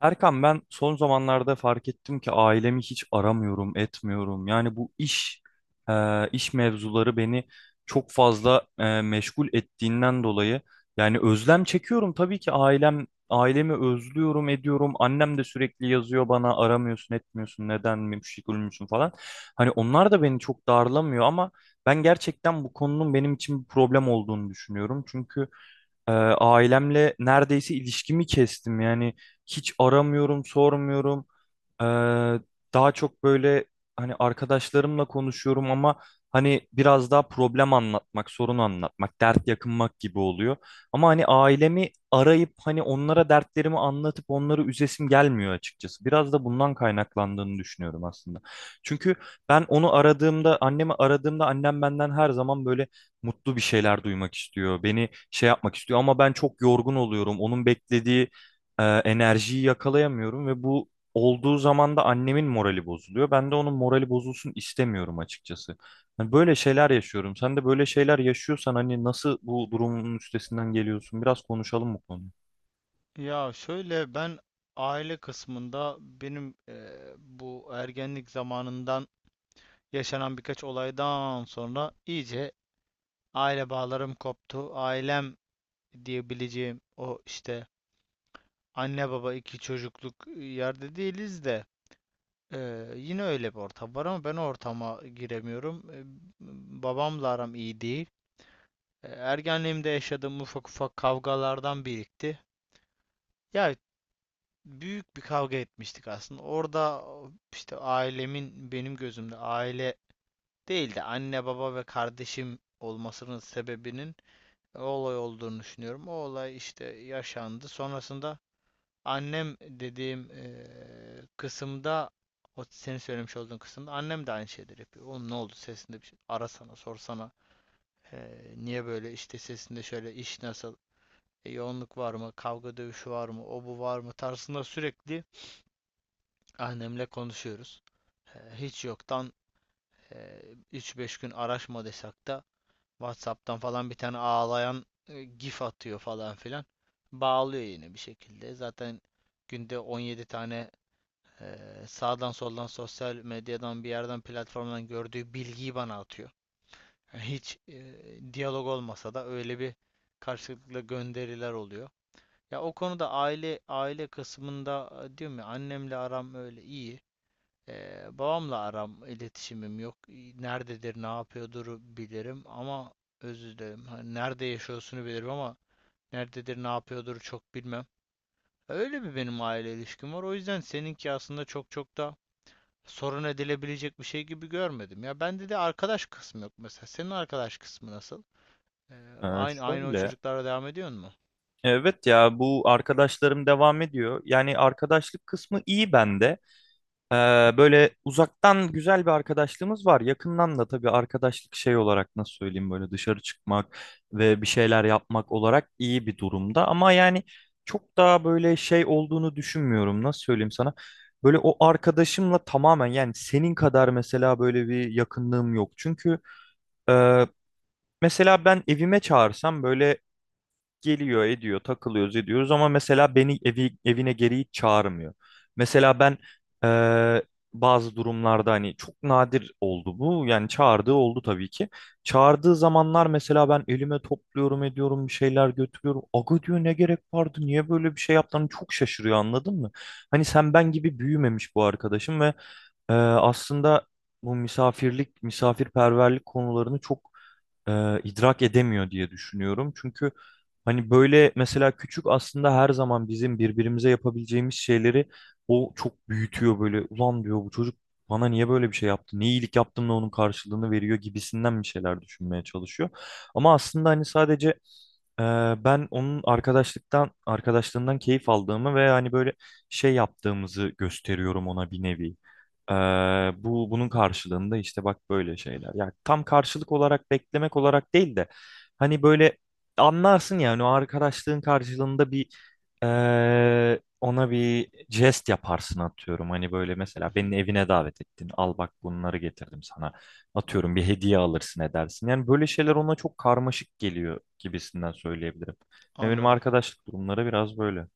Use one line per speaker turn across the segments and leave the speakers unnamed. Erkan, ben son zamanlarda fark ettim ki ailemi hiç aramıyorum, etmiyorum. Yani bu iş iş mevzuları beni çok fazla meşgul ettiğinden dolayı yani özlem çekiyorum tabii ki ailemi özlüyorum, ediyorum. Annem de sürekli yazıyor bana aramıyorsun, etmiyorsun, neden meşgul müsün falan. Hani onlar da beni çok darlamıyor ama ben gerçekten bu konunun benim için bir problem olduğunu düşünüyorum. Çünkü ailemle neredeyse ilişkimi kestim. Yani hiç aramıyorum, sormuyorum. Ee, Daha çok böyle hani arkadaşlarımla konuşuyorum ama hani biraz daha problem anlatmak, sorun anlatmak, dert yakınmak gibi oluyor. Ama hani ailemi arayıp hani onlara dertlerimi anlatıp onları üzesim gelmiyor açıkçası. Biraz da bundan kaynaklandığını düşünüyorum aslında. Çünkü ben onu aradığımda, annemi aradığımda annem benden her zaman böyle mutlu bir şeyler duymak istiyor. Beni şey yapmak istiyor ama ben çok yorgun oluyorum. Onun beklediği enerjiyi yakalayamıyorum ve bu olduğu zaman da annemin morali bozuluyor. Ben de onun morali bozulsun istemiyorum açıkçası. Hani böyle şeyler yaşıyorum. Sen de böyle şeyler yaşıyorsan hani nasıl bu durumun üstesinden geliyorsun? Biraz konuşalım bu konuyu.
Ya şöyle ben aile kısmında benim bu ergenlik zamanından yaşanan birkaç olaydan sonra iyice aile bağlarım koptu. Ailem diyebileceğim o işte anne baba iki çocukluk yerde değiliz de yine öyle bir ortam var ama ben o ortama giremiyorum. Babamla aram iyi değil. Ergenliğimde yaşadığım ufak ufak kavgalardan birikti. Ya büyük bir kavga etmiştik aslında. Orada işte ailemin benim gözümde aile değil de anne baba ve kardeşim olmasının sebebinin olay olduğunu düşünüyorum. O olay işte yaşandı. Sonrasında annem dediğim kısımda o senin söylemiş olduğun kısımda annem de aynı şeyleri yapıyor. Oğlum ne oldu, sesinde bir şey, arasana, sorsana. Niye böyle, işte sesinde şöyle, iş nasıl, yoğunluk var mı, kavga dövüşü var mı, o bu var mı tarzında sürekli annemle konuşuyoruz. Hiç yoktan e, üç beş gün araşma da WhatsApp'tan falan bir tane ağlayan gif atıyor falan filan. Bağlıyor yine bir şekilde. Zaten günde 17 tane e, sağdan soldan, sosyal medyadan bir yerden, platformdan gördüğü bilgiyi bana atıyor. Yani hiç diyalog olmasa da öyle bir karşılıklı gönderiler oluyor. Ya o konuda aile kısmında diyorum ya, annemle aram öyle iyi. Babamla aram, iletişimim yok. Nerededir, ne yapıyordur bilirim ama özür dilerim. Hani nerede yaşıyorsunu bilirim ama nerededir, ne yapıyordur çok bilmem. Öyle bir benim aile ilişkim var. O yüzden seninki aslında çok çok da sorun edilebilecek bir şey gibi görmedim. Ya bende de arkadaş kısmı yok mesela. Senin arkadaş kısmı nasıl? Aynı o
Şöyle.
çocuklara devam ediyor mu?
Evet ya, bu arkadaşlarım devam ediyor. Yani arkadaşlık kısmı iyi bende. Ee, Böyle uzaktan güzel bir arkadaşlığımız var. Yakından da tabii arkadaşlık şey olarak, nasıl söyleyeyim, böyle dışarı çıkmak ve bir şeyler yapmak olarak iyi bir durumda. Ama yani çok daha böyle şey olduğunu düşünmüyorum. Nasıl söyleyeyim sana? Böyle o arkadaşımla tamamen, yani senin kadar mesela, böyle bir yakınlığım yok. Çünkü e, mesela ben evime çağırsam böyle geliyor ediyor, takılıyoruz ediyoruz, ama mesela beni evine geri hiç çağırmıyor. Mesela ben eee, bazı durumlarda, hani çok nadir oldu bu, yani çağırdığı oldu tabii ki. Çağırdığı zamanlar mesela ben elime topluyorum ediyorum, bir şeyler götürüyorum. Aga diyor, ne gerek vardı, niye böyle bir şey yaptın? Hani çok şaşırıyor, anladın mı? Hani sen ben gibi büyümemiş bu arkadaşım ve aslında bu misafirlik misafirperverlik konularını çok idrak edemiyor diye düşünüyorum. Çünkü hani böyle mesela küçük, aslında her zaman bizim birbirimize yapabileceğimiz şeyleri o çok büyütüyor böyle. Ulan diyor, bu çocuk bana niye böyle bir şey yaptı? Ne iyilik yaptım da onun karşılığını veriyor gibisinden bir şeyler düşünmeye çalışıyor. Ama aslında hani sadece ee, ben onun arkadaşlığından keyif aldığımı ve hani böyle şey yaptığımızı gösteriyorum ona, bir nevi. Ee, Bu bunun karşılığında işte bak böyle
Hı hı,
şeyler. Yani tam karşılık olarak beklemek olarak değil de hani böyle anlarsın yani, o arkadaşlığın karşılığında bir ona bir jest yaparsın atıyorum. Hani böyle mesela
hı hı.
beni evine davet ettin. Al bak bunları getirdim sana. Atıyorum bir hediye alırsın edersin. Yani böyle şeyler ona çok karmaşık geliyor gibisinden söyleyebilirim. Ve benim
Anladım.
arkadaşlık durumları biraz böyle.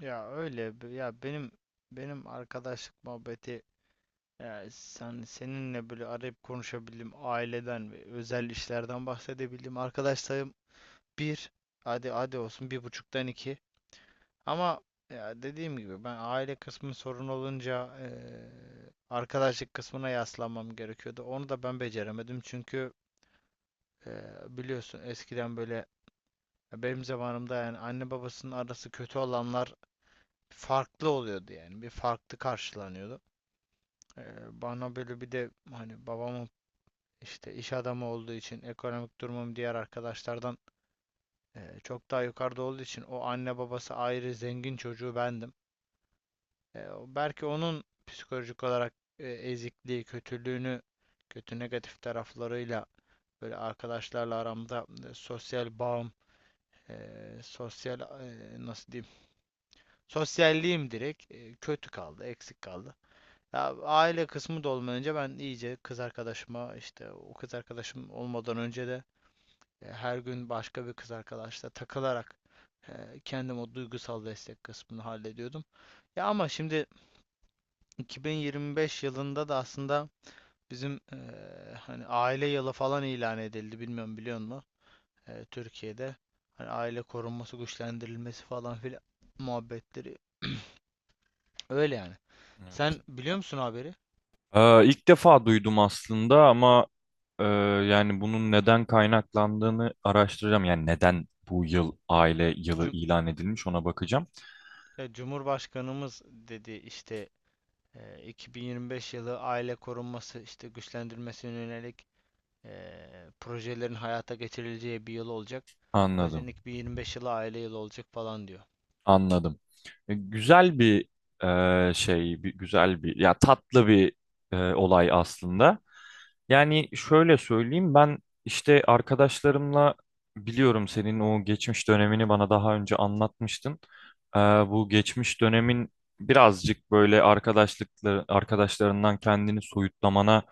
Ya ya benim arkadaşlık muhabbeti, yani sen, seninle böyle arayıp konuşabildim, aileden ve özel işlerden bahsedebildim. Arkadaş sayım bir. Hadi hadi olsun, bir buçuktan iki. Ama ya dediğim gibi, ben aile kısmı sorun olunca arkadaşlık kısmına yaslanmam gerekiyordu. Onu da ben beceremedim çünkü eee, biliyorsun eskiden böyle, benim zamanımda yani anne babasının arası kötü olanlar farklı oluyordu, yani bir farklı karşılanıyordu. Eee, Bana böyle bir de hani babamın işte iş adamı olduğu için ekonomik durumum diğer arkadaşlardan çok daha yukarıda olduğu için, o anne babası ayrı zengin çocuğu bendim. E, Belki onun psikolojik olarak ezikliği, kötülüğünü, kötü negatif taraflarıyla böyle arkadaşlarla aramda sosyal bağım, e, sosyal, nasıl diyeyim, sosyalliğim direkt kötü kaldı, eksik kaldı. Ya aile kısmı da olmayınca ben iyice kız arkadaşıma, işte o kız arkadaşım olmadan önce de her gün başka bir kız arkadaşla takılarak e, kendim o duygusal destek kısmını hallediyordum. Ya ama şimdi 2025 yılında da aslında bizim hani aile yılı falan ilan edildi. Bilmiyorum, biliyor musun? Türkiye'de hani aile korunması, güçlendirilmesi falan filan muhabbetleri öyle yani.
Evet.
Sen biliyor musun haberi?
İlk defa duydum aslında ama e, yani bunun neden kaynaklandığını araştıracağım. Yani neden bu yıl aile yılı
Cum-
ilan edilmiş ona bakacağım.
ya Cumhurbaşkanımız dedi işte, 2025 yılı aile korunması, işte güçlendirmesine yönelik projelerin hayata geçirileceği bir yıl olacak. O yüzden
Anladım.
ilk bir 25 yılı aile yılı olacak falan diyor.
Anladım. Güzel bir güzel bir, ya tatlı bir olay aslında. Yani şöyle söyleyeyim, ben işte arkadaşlarımla, biliyorum senin o geçmiş dönemini bana daha önce anlatmıştın. Bu geçmiş dönemin birazcık böyle arkadaşlıkları arkadaşlarından kendini soyutlamana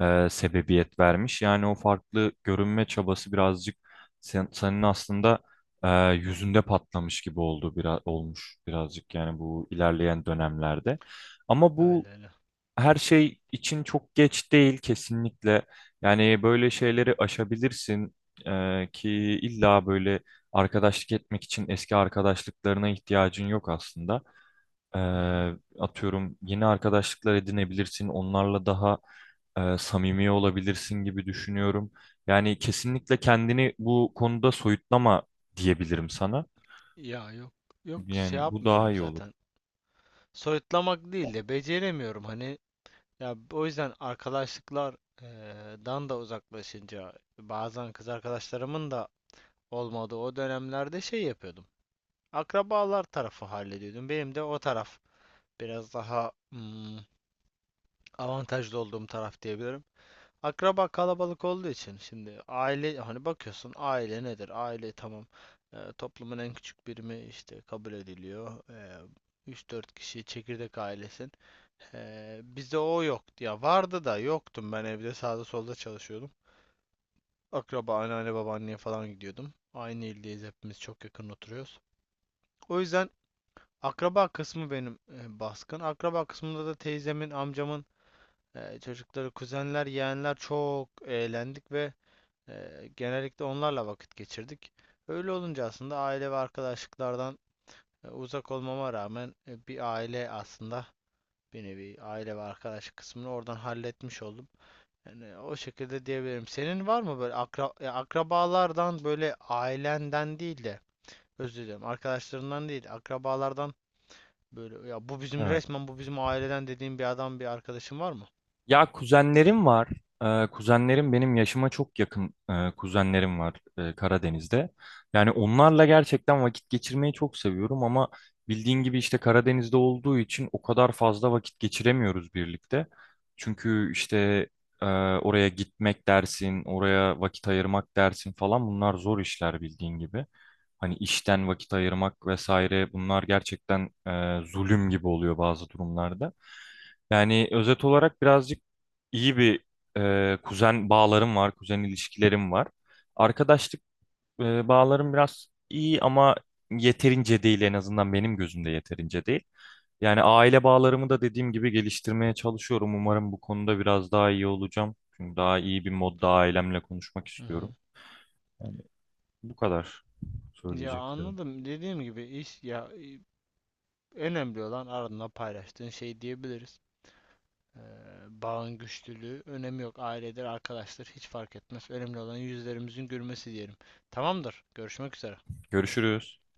sebebiyet vermiş. Yani o farklı görünme çabası birazcık senin aslında e, yüzünde patlamış gibi oldu, biraz olmuş birazcık yani bu ilerleyen dönemlerde. Ama
Öyle
bu
öyle.
her şey için çok geç değil kesinlikle. Yani böyle şeyleri aşabilirsin. Ki illa böyle arkadaşlık etmek için eski arkadaşlıklarına ihtiyacın yok aslında. Ee,
Hı hı.
Atıyorum yeni arkadaşlıklar edinebilirsin, onlarla daha samimi olabilirsin gibi düşünüyorum. Yani kesinlikle kendini bu konuda soyutlama diyebilirim sana.
Ya yok, yok, şey
Yani bu daha
yapmıyorum
iyi olur.
zaten. Soyutlamak değil de beceremiyorum hani. Ya o yüzden arkadaşlıklar dan da uzaklaşınca, bazen kız arkadaşlarımın da olmadığı o dönemlerde şey yapıyordum. Akrabalar tarafı hallediyordum. Benim de o taraf biraz daha avantajlı olduğum taraf diyebilirim. Akraba kalabalık olduğu için, şimdi aile, hani bakıyorsun, aile nedir? Aile, tamam, toplumun en küçük birimi işte kabul ediliyor. 3-4 kişi çekirdek ailesin. Bizde o yoktu, ya vardı da yoktum, ben evde, sağda solda çalışıyordum. Akraba anneanne babaanneye falan gidiyordum. Aynı ildeyiz hepimiz, çok yakın oturuyoruz. O yüzden akraba kısmı benim baskın. Akraba kısmında da teyzemin, amcamın çocukları, kuzenler, yeğenler, çok eğlendik ve genellikle onlarla vakit geçirdik. Öyle olunca aslında aile ve arkadaşlıklardan uzak olmama rağmen, bir aile aslında, bir nevi aile ve arkadaşlık kısmını oradan halletmiş oldum. Yani o şekilde diyebilirim. Senin var mı böyle ya akrabalardan, böyle ailenden değil de, özür dilerim, arkadaşlarından değil, akrabalardan, böyle ya bu bizim,
Evet.
resmen bu bizim aileden dediğin bir adam, bir arkadaşın var mı?
Ya, kuzenlerim var. Kuzenlerim benim yaşıma çok yakın, kuzenlerim var Karadeniz'de. Yani onlarla gerçekten vakit geçirmeyi çok seviyorum ama bildiğin gibi işte Karadeniz'de olduğu için o kadar fazla vakit geçiremiyoruz birlikte. Çünkü işte e, oraya gitmek dersin, oraya vakit ayırmak dersin falan, bunlar zor işler bildiğin gibi. Hani işten vakit ayırmak vesaire, bunlar gerçekten zulüm gibi oluyor bazı durumlarda. Yani özet olarak birazcık iyi bir kuzen bağlarım var, kuzen ilişkilerim var. Arkadaşlık bağlarım biraz iyi ama yeterince değil, en azından benim gözümde yeterince değil. Yani aile bağlarımı da dediğim gibi geliştirmeye çalışıyorum. Umarım bu konuda biraz daha iyi olacağım. Çünkü daha iyi bir modda ailemle konuşmak
Hı
istiyorum.
hı.
Yani bu kadar
Ya
söyleyeceklerim.
anladım. Dediğim gibi iş, ya önemli olan ardından paylaştığın şey diyebiliriz. Ee, Bağın güçlülüğü, önemi yok. Ailedir, arkadaştır hiç fark etmez. Önemli olan yüzlerimizin gülmesi diyelim. Tamamdır, görüşmek üzere.
Görüşürüz.